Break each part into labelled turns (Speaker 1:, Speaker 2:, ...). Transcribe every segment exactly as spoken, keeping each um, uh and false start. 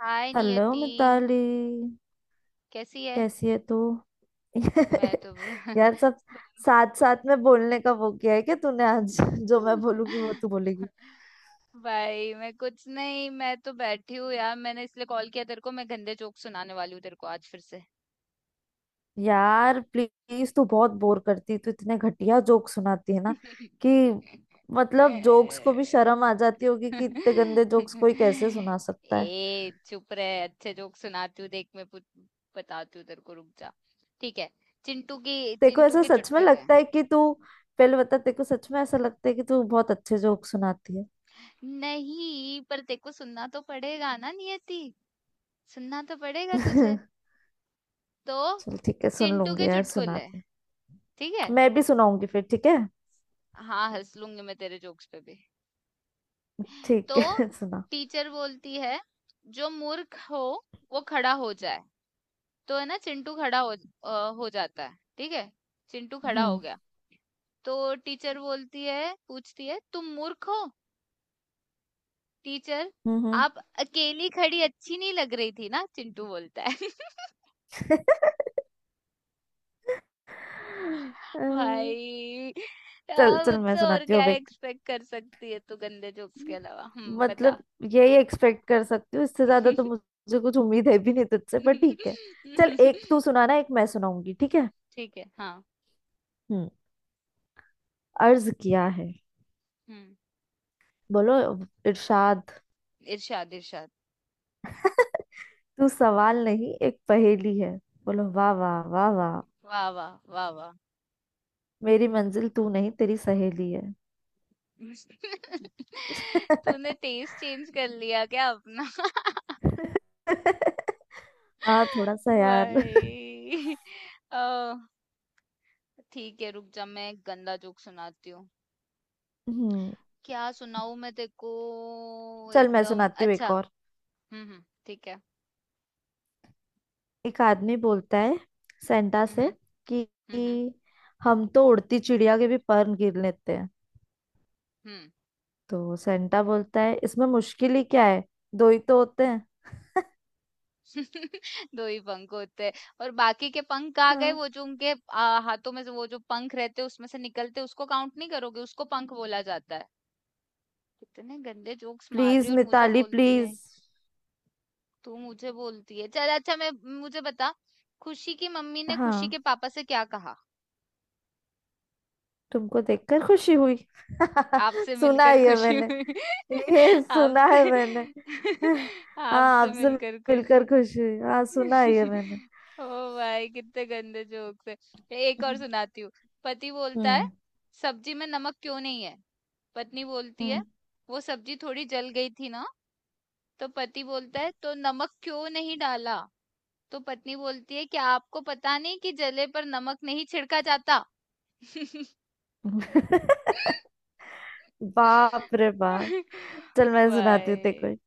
Speaker 1: हाय
Speaker 2: hello
Speaker 1: Niyati,
Speaker 2: Mitali.
Speaker 1: कैसी है।
Speaker 2: कैसी है तू?
Speaker 1: मैं तो
Speaker 2: यार, सब साथ साथ में बोलने का वो किया है क्या तूने आज? जो मैं बोलूंगी वो तू बोलेगी?
Speaker 1: भाई, मैं कुछ नहीं, मैं तो बैठी हूँ यार। मैंने इसलिए कॉल किया तेरे को, मैं गंदे जोक सुनाने वाली हूँ तेरे को आज फिर से।
Speaker 2: यार प्लीज, तू बहुत बोर करती। तू इतने घटिया जोक सुनाती है ना कि मतलब जोक्स को भी शर्म आ जाती होगी कि इतने गंदे जोक्स कोई कैसे सुना सकता है।
Speaker 1: ए चुप रहे, अच्छे जोक सुनाती हूँ देख। मैं पूछ- बताती हूँ तेरे को, रुक जा। ठीक है, चिंटू की
Speaker 2: तेरे को
Speaker 1: चिंटू
Speaker 2: ऐसा
Speaker 1: के
Speaker 2: सच में
Speaker 1: चुटकुले।
Speaker 2: लगता है कि तू, पहले बता तेरे को सच में ऐसा लगता है कि तू बहुत अच्छे जोक सुनाती है?
Speaker 1: नहीं, पर तेरे को सुनना तो पड़ेगा ना नियति। सुनना तो पड़ेगा तुझे। तो
Speaker 2: चल ठीक है, सुन
Speaker 1: चिंटू
Speaker 2: लूंगी
Speaker 1: के
Speaker 2: यार, सुना।
Speaker 1: चुटकुले, ठीक है?
Speaker 2: मैं भी सुनाऊंगी फिर, ठीक है?
Speaker 1: हाँ, हँस लूँगी मैं तेरे जोक्स पे भी।
Speaker 2: ठीक
Speaker 1: तो
Speaker 2: है। सुना।
Speaker 1: टीचर बोलती है, "जो मूर्ख हो, वो खड़ा हो जाए।" तो है ना, चिंटू खड़ा हो अ, हो जाता है, ठीक है? चिंटू खड़ा हो
Speaker 2: हम्म।
Speaker 1: गया। तो टीचर बोलती है, पूछती है, "तुम मूर्ख हो?" टीचर,
Speaker 2: हम्म। हम्म।
Speaker 1: "आप अकेली खड़ी अच्छी नहीं लग रही थी ना?" चिंटू बोलता है।
Speaker 2: अ,
Speaker 1: भाई,
Speaker 2: चल
Speaker 1: आ,
Speaker 2: चल, मैं
Speaker 1: मुझसे और
Speaker 2: सुनाती हूँ
Speaker 1: क्या
Speaker 2: अब एक।
Speaker 1: एक्सपेक्ट कर सकती है तू गंदे जोक्स के अलावा। हम्म, बता।
Speaker 2: मतलब यही एक्सपेक्ट कर सकती हूँ, इससे ज्यादा तो मुझे कुछ उम्मीद है भी नहीं तुझसे, पर ठीक है। चल एक तू सुनाना, एक मैं सुनाऊंगी, ठीक है।
Speaker 1: ठीक है हाँ।
Speaker 2: हम्म। अर्ज किया है।
Speaker 1: हम्म।
Speaker 2: बोलो इरशाद।
Speaker 1: इरशाद इरशाद।
Speaker 2: तू सवाल नहीं एक पहेली है। बोलो वाह वाह वाह वाह।
Speaker 1: वाह वाह वाह वाह।
Speaker 2: मेरी मंजिल तू नहीं, तेरी सहेली है।
Speaker 1: तूने टेस्ट चेंज कर लिया क्या अपना।
Speaker 2: हाँ, थोड़ा सा यार।
Speaker 1: भाई, आ, ठीक है रुक जा, मैं एक गंदा जोक सुनाती हूँ।
Speaker 2: हम्म।
Speaker 1: क्या सुनाऊं मैं तेको।
Speaker 2: चल, मैं
Speaker 1: एकदम
Speaker 2: सुनाती हूँ
Speaker 1: अच्छा।
Speaker 2: एक और।
Speaker 1: हम्म हम्म, ठीक है।
Speaker 2: एक आदमी बोलता है सेंटा
Speaker 1: हम्म
Speaker 2: से कि,
Speaker 1: हम्म। हम्म।
Speaker 2: कि हम तो उड़ती चिड़िया के भी पर गिर लेते हैं।
Speaker 1: हुँ।
Speaker 2: तो सेंटा बोलता है, इसमें मुश्किल ही क्या है, दो ही तो होते हैं।
Speaker 1: दो ही पंख होते हैं। और बाकी के पंख कहाँ गए?
Speaker 2: हाँ।
Speaker 1: वो जो उनके अ, हाथों में से वो जो पंख रहते हैं, उसमें से निकलते हैं, उसको काउंट नहीं करोगे? उसको पंख बोला जाता है। कितने गंदे जोक्स मार रही
Speaker 2: प्लीज
Speaker 1: है, और मुझे
Speaker 2: मिताली
Speaker 1: बोलती है,
Speaker 2: प्लीज।
Speaker 1: तू मुझे बोलती है। चल अच्छा, मैं मुझे बता, खुशी की मम्मी ने खुशी के
Speaker 2: हाँ,
Speaker 1: पापा से क्या कहा?
Speaker 2: तुमको देखकर खुशी हुई।
Speaker 1: आपसे
Speaker 2: सुना
Speaker 1: मिलकर
Speaker 2: है ये
Speaker 1: खुशी
Speaker 2: मैंने।
Speaker 1: हुई।
Speaker 2: ये सुना है
Speaker 1: आपसे
Speaker 2: मैंने। हाँ,
Speaker 1: आपसे
Speaker 2: आपसे
Speaker 1: मिलकर खुशी।
Speaker 2: मिलकर खुश हुई, हाँ, सुना है ये मैंने।
Speaker 1: ओ भाई, कितने गंदे जोक्स है। एक और सुनाती हूँ। पति बोलता है,
Speaker 2: हम्म।
Speaker 1: सब्जी में नमक क्यों नहीं है। पत्नी बोलती है,
Speaker 2: हम्म।
Speaker 1: वो सब्जी थोड़ी जल गई थी ना। तो पति बोलता है, तो नमक क्यों नहीं डाला। तो पत्नी बोलती है, क्या आपको पता नहीं कि जले पर नमक नहीं छिड़का जाता।
Speaker 2: बाप रे बाप। चल मैं सुनाती हूँ तेरे
Speaker 1: भाई।
Speaker 2: को एक।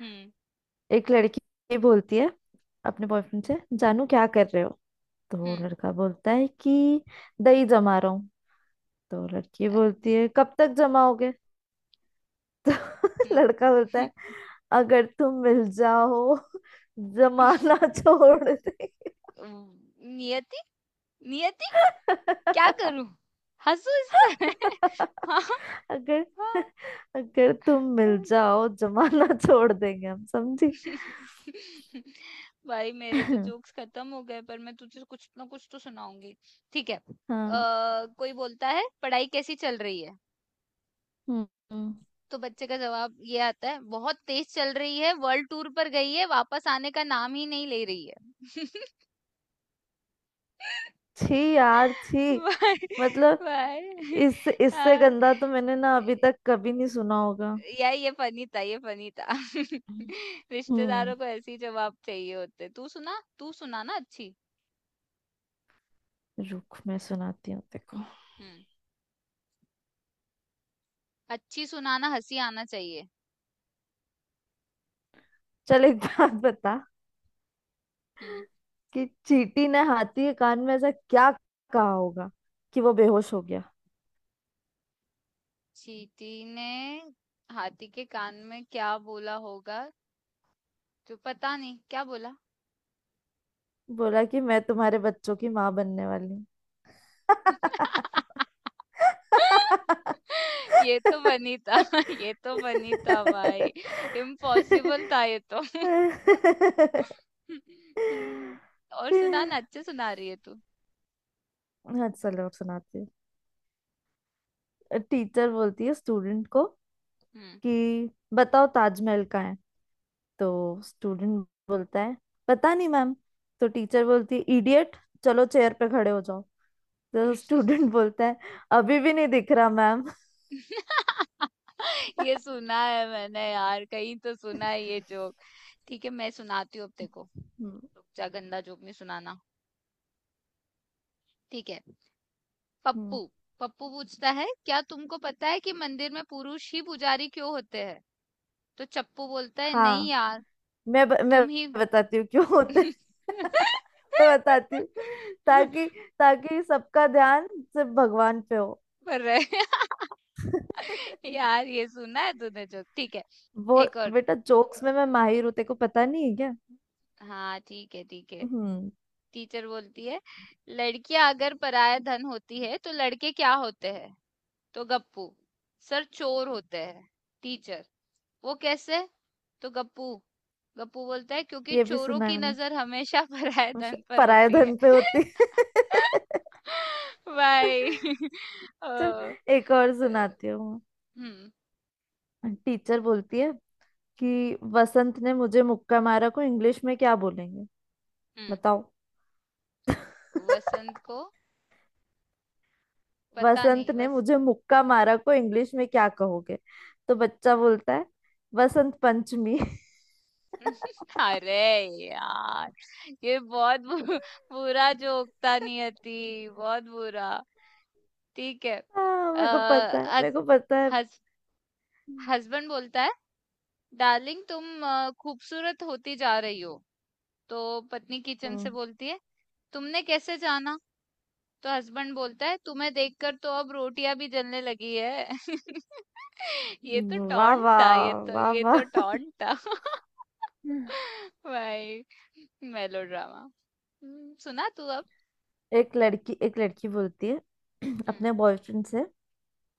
Speaker 1: हम्म
Speaker 2: एक लड़की बोलती है अपने बॉयफ्रेंड से, जानू क्या कर रहे हो? तो वो
Speaker 1: हम्म।
Speaker 2: लड़का बोलता है कि दही जमा रहा हूँ। तो लड़की
Speaker 1: अ-
Speaker 2: बोलती है, कब तक जमाओगे? तो लड़का बोलता
Speaker 1: हम्म।
Speaker 2: है, अगर तुम मिल जाओ जमाना छोड़ दे।
Speaker 1: नियति, नियति, क्या करूँ? हँसूँ इस पे मैं? हाँ, हाँ,
Speaker 2: अगर अगर तुम मिल
Speaker 1: हाँ।
Speaker 2: जाओ जमाना छोड़ देंगे हम, समझी?
Speaker 1: भाई मेरे तो
Speaker 2: हाँ।
Speaker 1: जोक्स खत्म हो गए, पर मैं तुझे कुछ ना कुछ तो सुनाऊँगी। ठीक है। अ, कोई बोलता है, पढ़ाई कैसी चल रही है?
Speaker 2: हम्म। हम्म।
Speaker 1: तो बच्चे का जवाब ये आता है, बहुत तेज चल रही है, वर्ल्ड टूर पर गई है, वापस आने का नाम ही नहीं ले रही है।
Speaker 2: छी यार छी।
Speaker 1: भाई,
Speaker 2: मतलब
Speaker 1: भाई,
Speaker 2: इस इससे
Speaker 1: हाँ।
Speaker 2: गंदा तो मैंने ना अभी तक कभी नहीं सुना होगा।
Speaker 1: यार ये फनी था, ये फनी था।
Speaker 2: हम्म।
Speaker 1: रिश्तेदारों को ऐसे ही जवाब चाहिए होते। तू सुना, तू सुना ना अच्छी।
Speaker 2: रुक, मैं सुनाती हूँ, देखो।
Speaker 1: हम्म, अच्छी सुनाना, हंसी आना चाहिए।
Speaker 2: चल एक बात बता
Speaker 1: हम्म,
Speaker 2: कि चींटी ने हाथी के कान में ऐसा क्या कहा होगा कि वो बेहोश हो गया?
Speaker 1: चींटी ने हाथी के कान में क्या बोला होगा, तो पता नहीं क्या बोला।
Speaker 2: बोला कि मैं तुम्हारे बच्चों की माँ बनने वाली हूँ।
Speaker 1: ये तो बनी था, ये तो बनी था भाई, इम्पॉसिबल था ये तो। हम्म, और सुना ना, अच्छे सुना रही है तू।
Speaker 2: हाँ चलो, अब सुनाती हूँ। टीचर बोलती है स्टूडेंट को
Speaker 1: हम्म।
Speaker 2: कि बताओ ताजमहल कहाँ है। तो स्टूडेंट बोलता है, पता नहीं मैम। तो टीचर बोलती है, इडियट, चलो चेयर पे खड़े हो जाओ। तो स्टूडेंट बोलता है, अभी भी नहीं दिख रहा मैम।
Speaker 1: ये सुना है मैंने यार, कहीं तो सुना है ये जोक। ठीक है, मैं सुनाती हूँ अब, देखो।
Speaker 2: हम्म।
Speaker 1: रुक जा, गंदा जोक नहीं सुनाना। ठीक है, पप्पू,
Speaker 2: हम्म।
Speaker 1: पप्पू पूछता है, क्या तुमको पता है कि मंदिर में पुरुष ही पुजारी क्यों होते हैं। तो चप्पू बोलता है, नहीं
Speaker 2: हाँ,
Speaker 1: यार,
Speaker 2: मैं ब, मैं
Speaker 1: तुम ही।
Speaker 2: बताती हूँ क्यों होते हैं। मैं बताती हूँ, ताकि ताकि सबका ध्यान सिर्फ भगवान पे हो।
Speaker 1: पर रहे- यार ये सुना है तूने जोक, ठीक है
Speaker 2: वो
Speaker 1: एक और।
Speaker 2: बेटा, जोक्स में मैं माहिर हूँ, तेरे को पता नहीं है क्या?
Speaker 1: हाँ ठीक है, ठीक है।
Speaker 2: हम्म।
Speaker 1: टीचर बोलती है, लड़कियां अगर पराया धन होती है तो लड़के क्या होते हैं। तो गप्पू, सर चोर होते हैं। टीचर, वो कैसे। तो गप्पू गप्पू बोलता है, क्योंकि
Speaker 2: ये भी
Speaker 1: चोरों
Speaker 2: सुना है
Speaker 1: की
Speaker 2: मैंने।
Speaker 1: नजर हमेशा पराया
Speaker 2: श-
Speaker 1: धन पर
Speaker 2: पराये
Speaker 1: होती है।
Speaker 2: धन पे होती है।
Speaker 1: भाई।
Speaker 2: तो
Speaker 1: ओ,
Speaker 2: एक और सुनाती हूँ।
Speaker 1: हम्म
Speaker 2: टीचर बोलती है कि वसंत ने मुझे मुक्का मारा को इंग्लिश में क्या बोलेंगे,
Speaker 1: हम्म।
Speaker 2: बताओ?
Speaker 1: वसंत को पता
Speaker 2: वसंत
Speaker 1: नहीं,
Speaker 2: ने
Speaker 1: बस।
Speaker 2: मुझे मुक्का मारा को इंग्लिश में क्या कहोगे? तो बच्चा बोलता है, वसंत पंचमी।
Speaker 1: अरे यार, ये बहुत बु- बुरा जोक था नियति, बहुत बुरा। ठीक है,
Speaker 2: हाँ मेरे को पता है,
Speaker 1: आ,
Speaker 2: मेरे को पता है।
Speaker 1: हस, हस्बैंड बोलता है, डार्लिंग तुम अ, खूबसूरत होती जा रही हो। तो पत्नी किचन से
Speaker 2: हम्म।
Speaker 1: बोलती है, तुमने कैसे जाना। तो हस्बैंड बोलता है, तुम्हें देखकर तो अब रोटियां भी जलने लगी है। ये तो
Speaker 2: वाह
Speaker 1: टॉन्ट था, ये
Speaker 2: वाह
Speaker 1: तो
Speaker 2: वाह
Speaker 1: ये
Speaker 2: वाह।
Speaker 1: तो टॉन्ट था।
Speaker 2: हम्म।
Speaker 1: भाई, मेलोड्रामा। हम्म, सुना तू अब।
Speaker 2: एक लड़की, एक लड़की बोलती है
Speaker 1: हम्म
Speaker 2: अपने बॉयफ्रेंड से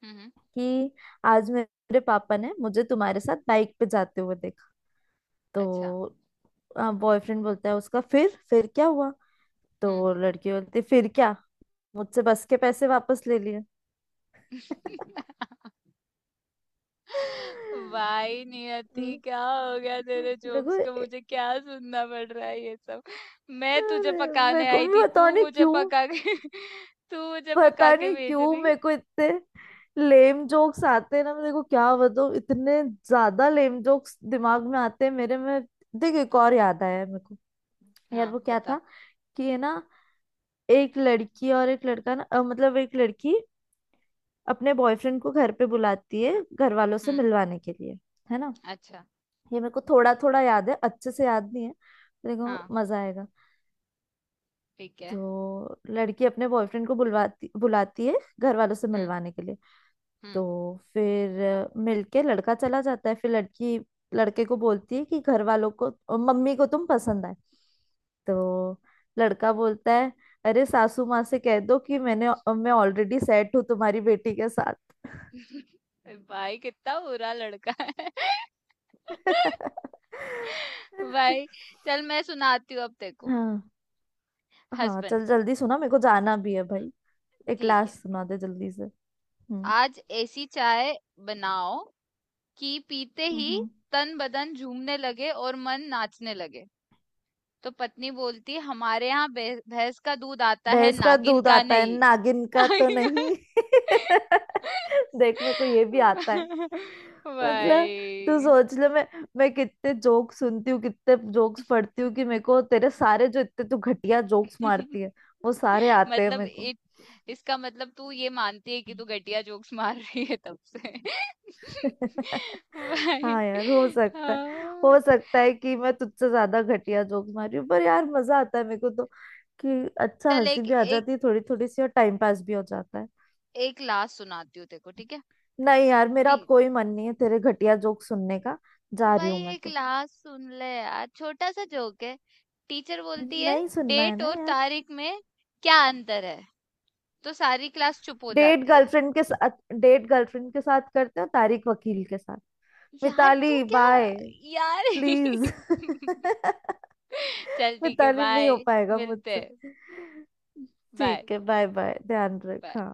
Speaker 1: हम्म,
Speaker 2: कि आज मेरे पापा ने मुझे तुम्हारे साथ बाइक पे जाते हुए देखा।
Speaker 1: अच्छा,
Speaker 2: तो बॉयफ्रेंड बोलता है उसका, फिर फिर क्या हुआ?
Speaker 1: हम्म।
Speaker 2: तो लड़की बोलती है, फिर क्या, मुझसे बस के पैसे वापस ले लिए।
Speaker 1: भाई नियति,
Speaker 2: हम्म।
Speaker 1: क्या हो गया तेरे
Speaker 2: मेरे
Speaker 1: जोक्स
Speaker 2: को,
Speaker 1: को, मुझे क्या सुनना पड़ रहा है ये सब। मैं तुझे
Speaker 2: अरे मेरे
Speaker 1: पकाने
Speaker 2: को,
Speaker 1: आई थी,
Speaker 2: मैं
Speaker 1: तू
Speaker 2: बताने
Speaker 1: मुझे
Speaker 2: क्यों,
Speaker 1: पका के तू मुझे पका
Speaker 2: पता
Speaker 1: के
Speaker 2: नहीं
Speaker 1: भेज
Speaker 2: क्यों
Speaker 1: रही।
Speaker 2: मेरे को इतने लेम जोक्स आते हैं ना। मेरे को क्या बताऊं, इतने ज्यादा लेम जोक्स दिमाग में आते हैं मेरे में। देख, एक और याद आया है मेरे को। यार
Speaker 1: हाँ
Speaker 2: वो क्या
Speaker 1: बता।
Speaker 2: था कि ये ना, एक लड़की और एक लड़का ना, अ, मतलब एक लड़की अपने बॉयफ्रेंड को घर पे बुलाती है घर वालों से
Speaker 1: हम्म,
Speaker 2: मिलवाने के लिए, है ना?
Speaker 1: अच्छा।
Speaker 2: ये मेरे को थोड़ा थोड़ा याद है, अच्छे से याद नहीं है,
Speaker 1: हाँ
Speaker 2: देखो मजा आएगा।
Speaker 1: ठीक है।
Speaker 2: तो लड़की अपने बॉयफ्रेंड को बुलवाती बुलाती है घर वालों से
Speaker 1: हम्म
Speaker 2: मिलवाने के लिए।
Speaker 1: हम्म।
Speaker 2: तो फिर मिलके लड़का चला जाता है। फिर लड़की लड़के को बोलती है कि घर वालों को, मम्मी को तुम पसंद आए। तो लड़का बोलता है, अरे सासू माँ से कह दो कि मैंने, मैं ऑलरेडी सेट हूँ तुम्हारी बेटी के साथ।
Speaker 1: भाई कितना बुरा लड़का है। भाई, चल मैं सुनाती हूँ अब तेरे को।
Speaker 2: हाँ। हाँ
Speaker 1: हस्बैंड,
Speaker 2: चल जल्दी सुना, मेरे को जाना भी है भाई। एक
Speaker 1: ठीक है,
Speaker 2: लास्ट सुना दे जल्दी से। हम्म।
Speaker 1: आज ऐसी चाय बनाओ कि पीते
Speaker 2: हम्म।
Speaker 1: ही
Speaker 2: हम्म।
Speaker 1: तन बदन झूमने लगे और मन नाचने लगे। तो पत्नी बोलती, हमारे यहाँ भे- भैंस का दूध आता है,
Speaker 2: भैंस का
Speaker 1: नागिन
Speaker 2: दूध
Speaker 1: का
Speaker 2: आता है
Speaker 1: नहीं।
Speaker 2: नागिन का तो नहीं। देख, मेरे को ये भी आता है। मतलब तू
Speaker 1: भाई।
Speaker 2: सोच ले, मैं मैं कितने जोक सुनती हूँ, कितने जोक्स पढ़ती हूँ कि मेरे को तेरे सारे, जो इतने तू घटिया जोक्स मारती है वो सारे आते हैं
Speaker 1: मतलब,
Speaker 2: मेरे को।
Speaker 1: इत, इसका मतलब तू ये मानती है कि तू घटिया जोक्स मार रही है तब से। भाई,
Speaker 2: हाँ यार, हो सकता है। हो
Speaker 1: हाँ।
Speaker 2: सकता है कि मैं तुझसे ज्यादा घटिया जोक्स मार रही हूँ, पर यार मजा आता है मेरे को तो कि अच्छा
Speaker 1: चल
Speaker 2: हंसी
Speaker 1: एक
Speaker 2: भी आ
Speaker 1: एक
Speaker 2: जाती है थोड़ी थोड़ी सी, और टाइम पास भी हो जाता है।
Speaker 1: एक लास्ट सुनाती हूँ तेरे को, ठीक है।
Speaker 2: नहीं यार, मेरा
Speaker 1: टी
Speaker 2: अब कोई मन नहीं है तेरे घटिया जोक सुनने का, जा रही
Speaker 1: भाई,
Speaker 2: हूँ मैं
Speaker 1: एक
Speaker 2: तो।
Speaker 1: लास्ट सुन ले यार, छोटा सा जोक है। टीचर बोलती है,
Speaker 2: नहीं सुनना है
Speaker 1: डेट
Speaker 2: ना
Speaker 1: और
Speaker 2: यार।
Speaker 1: तारीख में क्या अंतर है। तो सारी क्लास चुप हो
Speaker 2: डेट
Speaker 1: जाती है।
Speaker 2: गर्लफ्रेंड के साथ। डेट गर्लफ्रेंड के साथ करते हो, तारिक वकील के साथ।
Speaker 1: यार तू
Speaker 2: मिताली
Speaker 1: क्या,
Speaker 2: बाय।
Speaker 1: यार।
Speaker 2: प्लीज।
Speaker 1: चल ठीक है,
Speaker 2: मिताली नहीं हो
Speaker 1: बाय,
Speaker 2: पाएगा
Speaker 1: मिलते
Speaker 2: मुझसे।
Speaker 1: हैं, बाय
Speaker 2: ठीक है, बाय बाय, ध्यान रख,
Speaker 1: बाय।
Speaker 2: हाँ।